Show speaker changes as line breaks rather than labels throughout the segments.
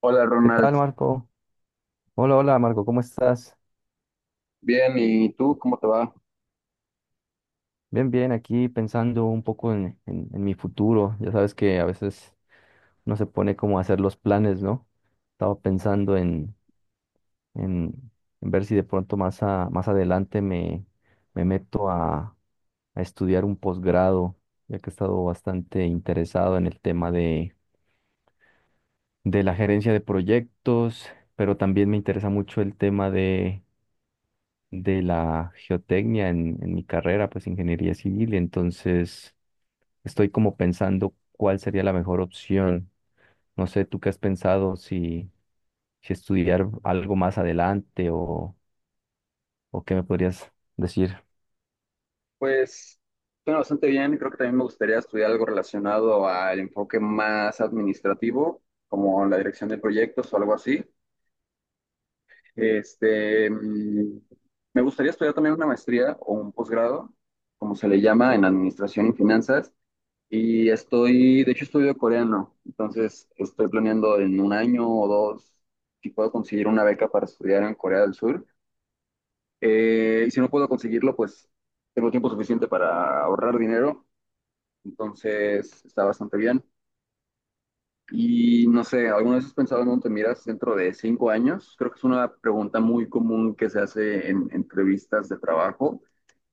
Hola
¿Qué
Ronald,
tal, Marco? Hola, hola, Marco, ¿cómo estás?
bien, ¿y tú cómo te va?
Bien, bien, aquí pensando un poco en mi futuro. Ya sabes que a veces no se pone como a hacer los planes, ¿no? Estaba pensando en, en ver si de pronto más adelante me meto a estudiar un posgrado, ya que he estado bastante interesado en el tema de la gerencia de proyectos, pero también me interesa mucho el tema de la geotecnia en mi carrera, pues ingeniería civil, y entonces estoy como pensando cuál sería la mejor opción. No sé, ¿tú qué has pensado si estudiar algo más adelante o qué me podrías decir?
Pues suena bastante bien. Creo que también me gustaría estudiar algo relacionado al enfoque más administrativo, como la dirección de proyectos o algo así. Este, mm, Me gustaría estudiar también una maestría o un posgrado, como se le llama, en administración y finanzas. Y estoy, de hecho, estudio coreano. Entonces, estoy planeando en 1 año o 2 si puedo conseguir una beca para estudiar en Corea del Sur. Y si no puedo conseguirlo, pues tengo tiempo suficiente para ahorrar dinero, entonces está bastante bien. Y no sé, ¿alguna vez has pensado en dónde te miras dentro de 5 años? Creo que es una pregunta muy común que se hace en entrevistas de trabajo,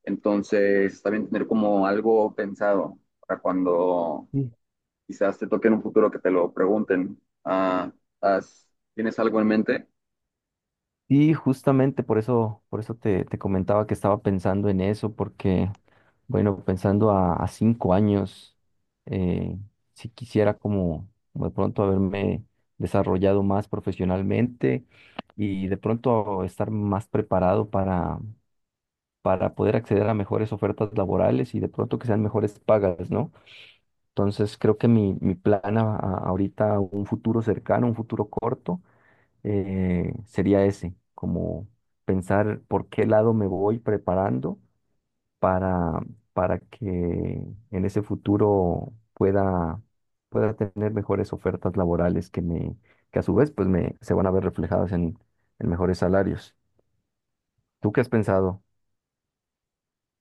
entonces está bien tener como algo pensado para cuando
Sí.
quizás te toque en un futuro que te lo pregunten. Ah, ¿has- ¿tienes algo en mente?
Y justamente por eso te comentaba que estaba pensando en eso, porque, bueno, pensando a 5 años, eh, si quisiera como, como de pronto haberme desarrollado más profesionalmente y de pronto estar más preparado para poder acceder a mejores ofertas laborales y de pronto que sean mejores pagas, ¿no? Entonces creo que mi plan ahorita, un futuro cercano, un futuro corto sería ese, como pensar por qué lado me voy preparando para, para que en ese futuro pueda tener mejores ofertas laborales que que a su vez pues me, se van a ver reflejadas en mejores salarios. ¿Tú qué has pensado?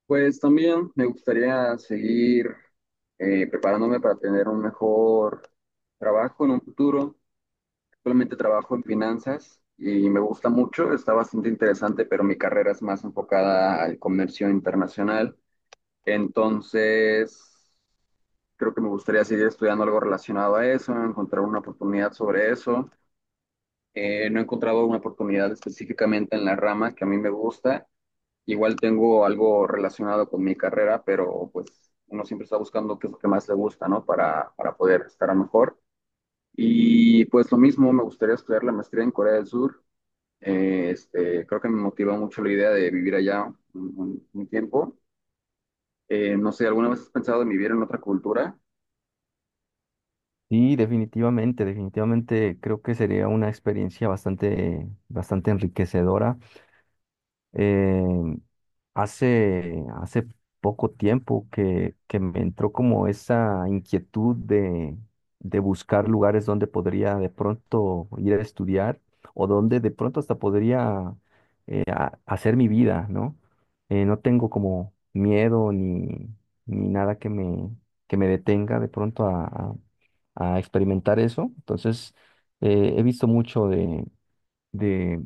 Pues también me gustaría seguir preparándome para tener un mejor trabajo en un futuro. Actualmente trabajo en finanzas y me gusta mucho, está bastante interesante, pero mi carrera es más enfocada al comercio internacional. Entonces, creo que me gustaría seguir estudiando algo relacionado a eso, encontrar una oportunidad sobre eso. No he encontrado una oportunidad específicamente en la rama que a mí me gusta. Igual tengo algo relacionado con mi carrera, pero pues uno siempre está buscando qué es lo que más le gusta, ¿no? Para poder estar mejor. Y pues lo mismo, me gustaría estudiar la maestría en Corea del Sur. Creo que me motivó mucho la idea de vivir allá un tiempo. No sé, ¿alguna vez has pensado en vivir en otra cultura?
Sí, definitivamente, definitivamente creo que sería una experiencia bastante, bastante enriquecedora. Eh, Hace, hace poco tiempo que me entró como esa inquietud de buscar lugares donde podría de pronto ir a estudiar o donde de pronto hasta podría hacer mi vida, ¿no? No tengo como miedo ni nada que que me detenga de pronto a experimentar eso. Entonces, he visto mucho de,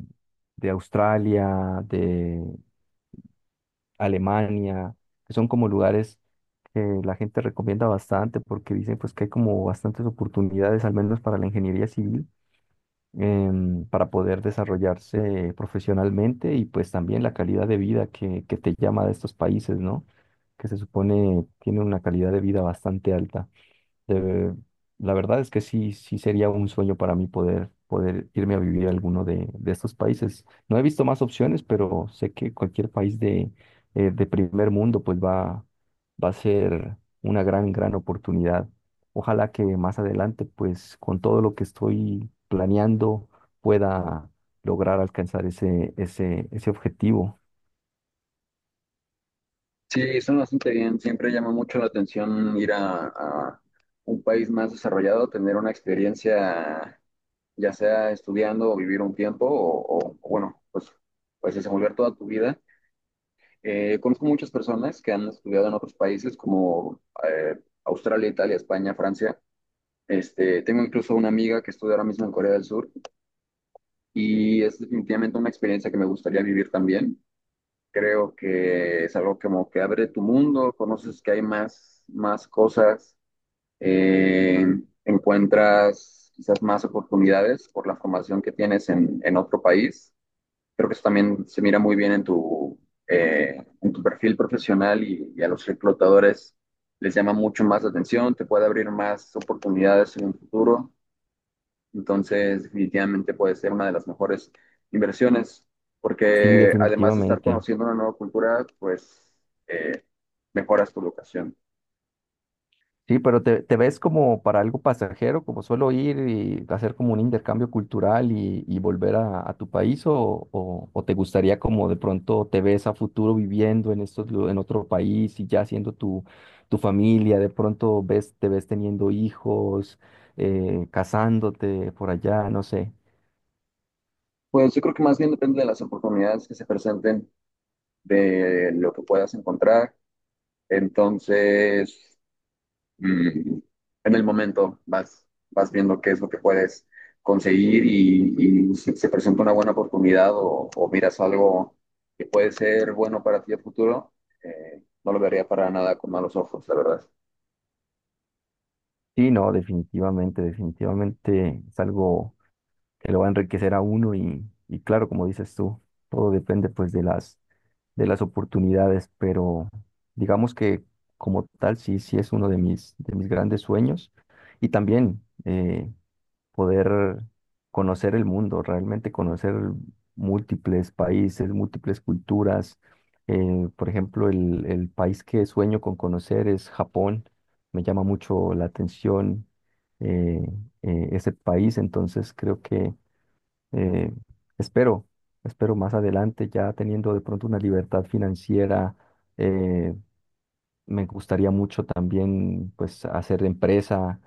de Australia, Alemania, que son como lugares que la gente recomienda bastante porque dicen pues que hay como bastantes oportunidades, al menos para la ingeniería civil, para poder desarrollarse profesionalmente y pues también la calidad de vida que te llama de estos países, ¿no? Que se supone tiene una calidad de vida bastante alta de- la verdad es que sí, sí sería un sueño para mí poder, poder irme a vivir a alguno de estos países. No he visto más opciones, pero sé que cualquier país de primer mundo pues va a ser una gran, gran oportunidad. Ojalá que más adelante pues con todo lo que estoy planeando pueda lograr alcanzar ese, ese, ese objetivo.
Sí, suena bastante bien. Siempre llama mucho la atención ir a un país más desarrollado, tener una experiencia ya sea estudiando o vivir un tiempo o bueno, pues desenvolver toda tu vida. Conozco muchas personas que han estudiado en otros países como Australia, Italia, España, Francia. Este, tengo incluso una amiga que estudia ahora mismo en Corea del Sur y es definitivamente una experiencia que me gustaría vivir también. Creo que es algo como que abre tu mundo, conoces que hay más cosas, eh, encuentras quizás más oportunidades por la formación que tienes en otro país. Creo que eso también se mira muy bien en tu perfil profesional y a los reclutadores les llama mucho más la atención, te puede abrir más oportunidades en un futuro. Entonces, definitivamente puede ser una de las mejores inversiones,
Sí,
porque además de estar
definitivamente.
conociendo una nueva cultura, pues eh, mejoras tu locación.
Sí, pero te ves como para algo pasajero, como solo ir y hacer como un intercambio cultural y volver a tu país, o te gustaría como de pronto te ves a futuro viviendo en en otro país y ya siendo tu familia, de pronto ves, te ves teniendo hijos, casándote por allá, no sé.
Pues yo creo que más bien depende de las oportunidades que se presenten, de lo que puedas encontrar. Entonces, mm, en el momento vas viendo qué es lo que puedes conseguir y si se presenta una buena oportunidad o miras algo que puede ser bueno para ti a futuro, no lo vería para nada con malos ojos, la verdad.
Sí, no, definitivamente, definitivamente es algo que lo va a enriquecer a uno y claro, como dices tú, todo depende pues de las oportunidades, pero digamos que como tal sí, sí es uno de mis grandes sueños y también poder conocer el mundo, realmente conocer múltiples países, múltiples culturas. Por ejemplo, el país que sueño con conocer es Japón, me llama mucho la atención eh, ese país, entonces creo que eh, espero, espero más adelante, ya teniendo de pronto una libertad financiera, eh, me gustaría mucho también, pues, hacer empresa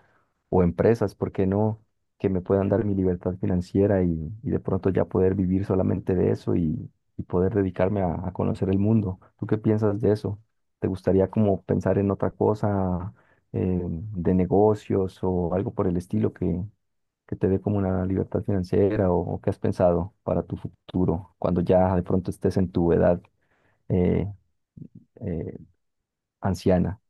o empresas, ¿por qué no? Que me puedan dar mi libertad financiera y de pronto ya poder vivir solamente de eso y poder dedicarme a conocer el mundo. ¿Tú qué piensas de eso? ¿Te gustaría como pensar en otra cosa de negocios o algo por el estilo que te dé como una libertad financiera o qué has pensado para tu futuro cuando ya de pronto estés en tu edad? eh, eh, Anciana.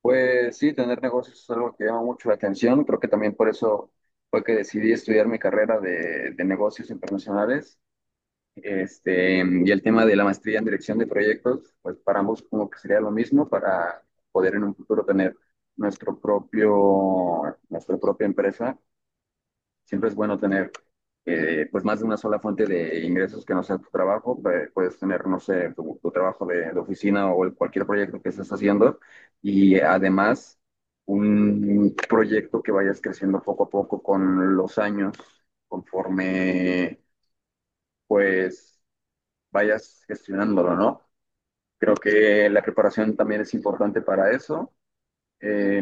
Pues sí, tener negocios es algo que llama mucho la atención. Creo que también por eso fue que decidí estudiar mi carrera de negocios internacionales. Este, y el tema de la maestría en dirección de proyectos, pues para ambos como que sería lo mismo para poder en un futuro tener nuestro propio, nuestra propia empresa. Siempre es bueno tener pues más de una sola fuente de ingresos que no sea tu trabajo. Puedes tener, no sé, tu trabajo de oficina o cualquier proyecto que estés haciendo y además un proyecto que vayas creciendo poco a poco con los años, conforme pues vayas gestionándolo, ¿no? Creo que la preparación también es importante para eso eh,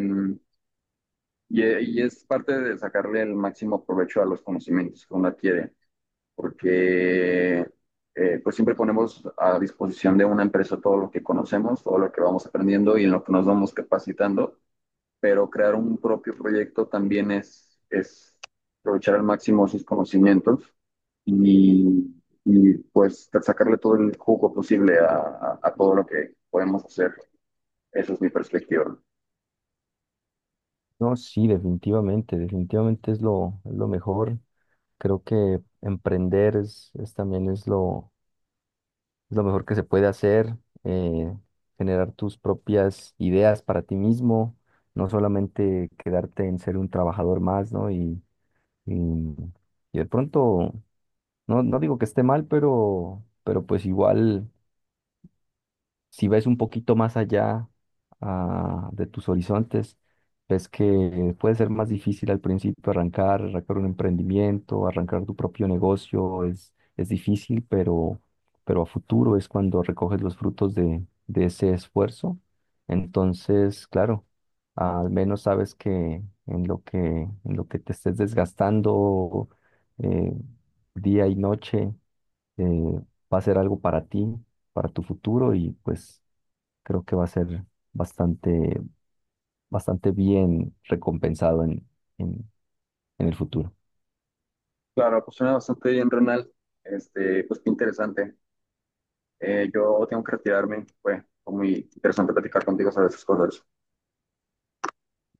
y es parte de sacarle el máximo provecho a los conocimientos que uno adquiere, porque pues siempre ponemos a disposición de una empresa todo lo que conocemos, todo lo que vamos aprendiendo y en lo que nos vamos capacitando, pero crear un propio proyecto también es aprovechar al máximo sus conocimientos y, y, pues sacarle todo el jugo posible a todo lo que podemos hacer. Esa es mi perspectiva.
No, sí, definitivamente, definitivamente es lo mejor. Creo que emprender es también es lo mejor que se puede hacer, eh, generar tus propias ideas para ti mismo, no solamente quedarte en ser un trabajador más, ¿no? Y, y de pronto, no, no digo que esté mal, pero pues igual si ves un poquito más allá de tus horizontes, ves que puede ser más difícil al principio arrancar, arrancar un emprendimiento, arrancar tu propio negocio, es difícil, pero a futuro es cuando recoges los frutos de ese esfuerzo. Entonces, claro, al menos sabes que en lo que, en lo que te estés desgastando eh, día y noche, eh, va a ser algo para ti para tu futuro y pues creo que va a ser bastante, bastante bien recompensado en, en el futuro.
Claro, pues suena bastante bien, Renal. Este, pues qué interesante. Yo tengo que retirarme. Fue muy interesante platicar contigo sobre esas cosas.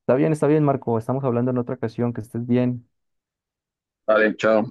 Está bien, Marco. Estamos hablando en otra ocasión. Que estés bien.
Vale, chao.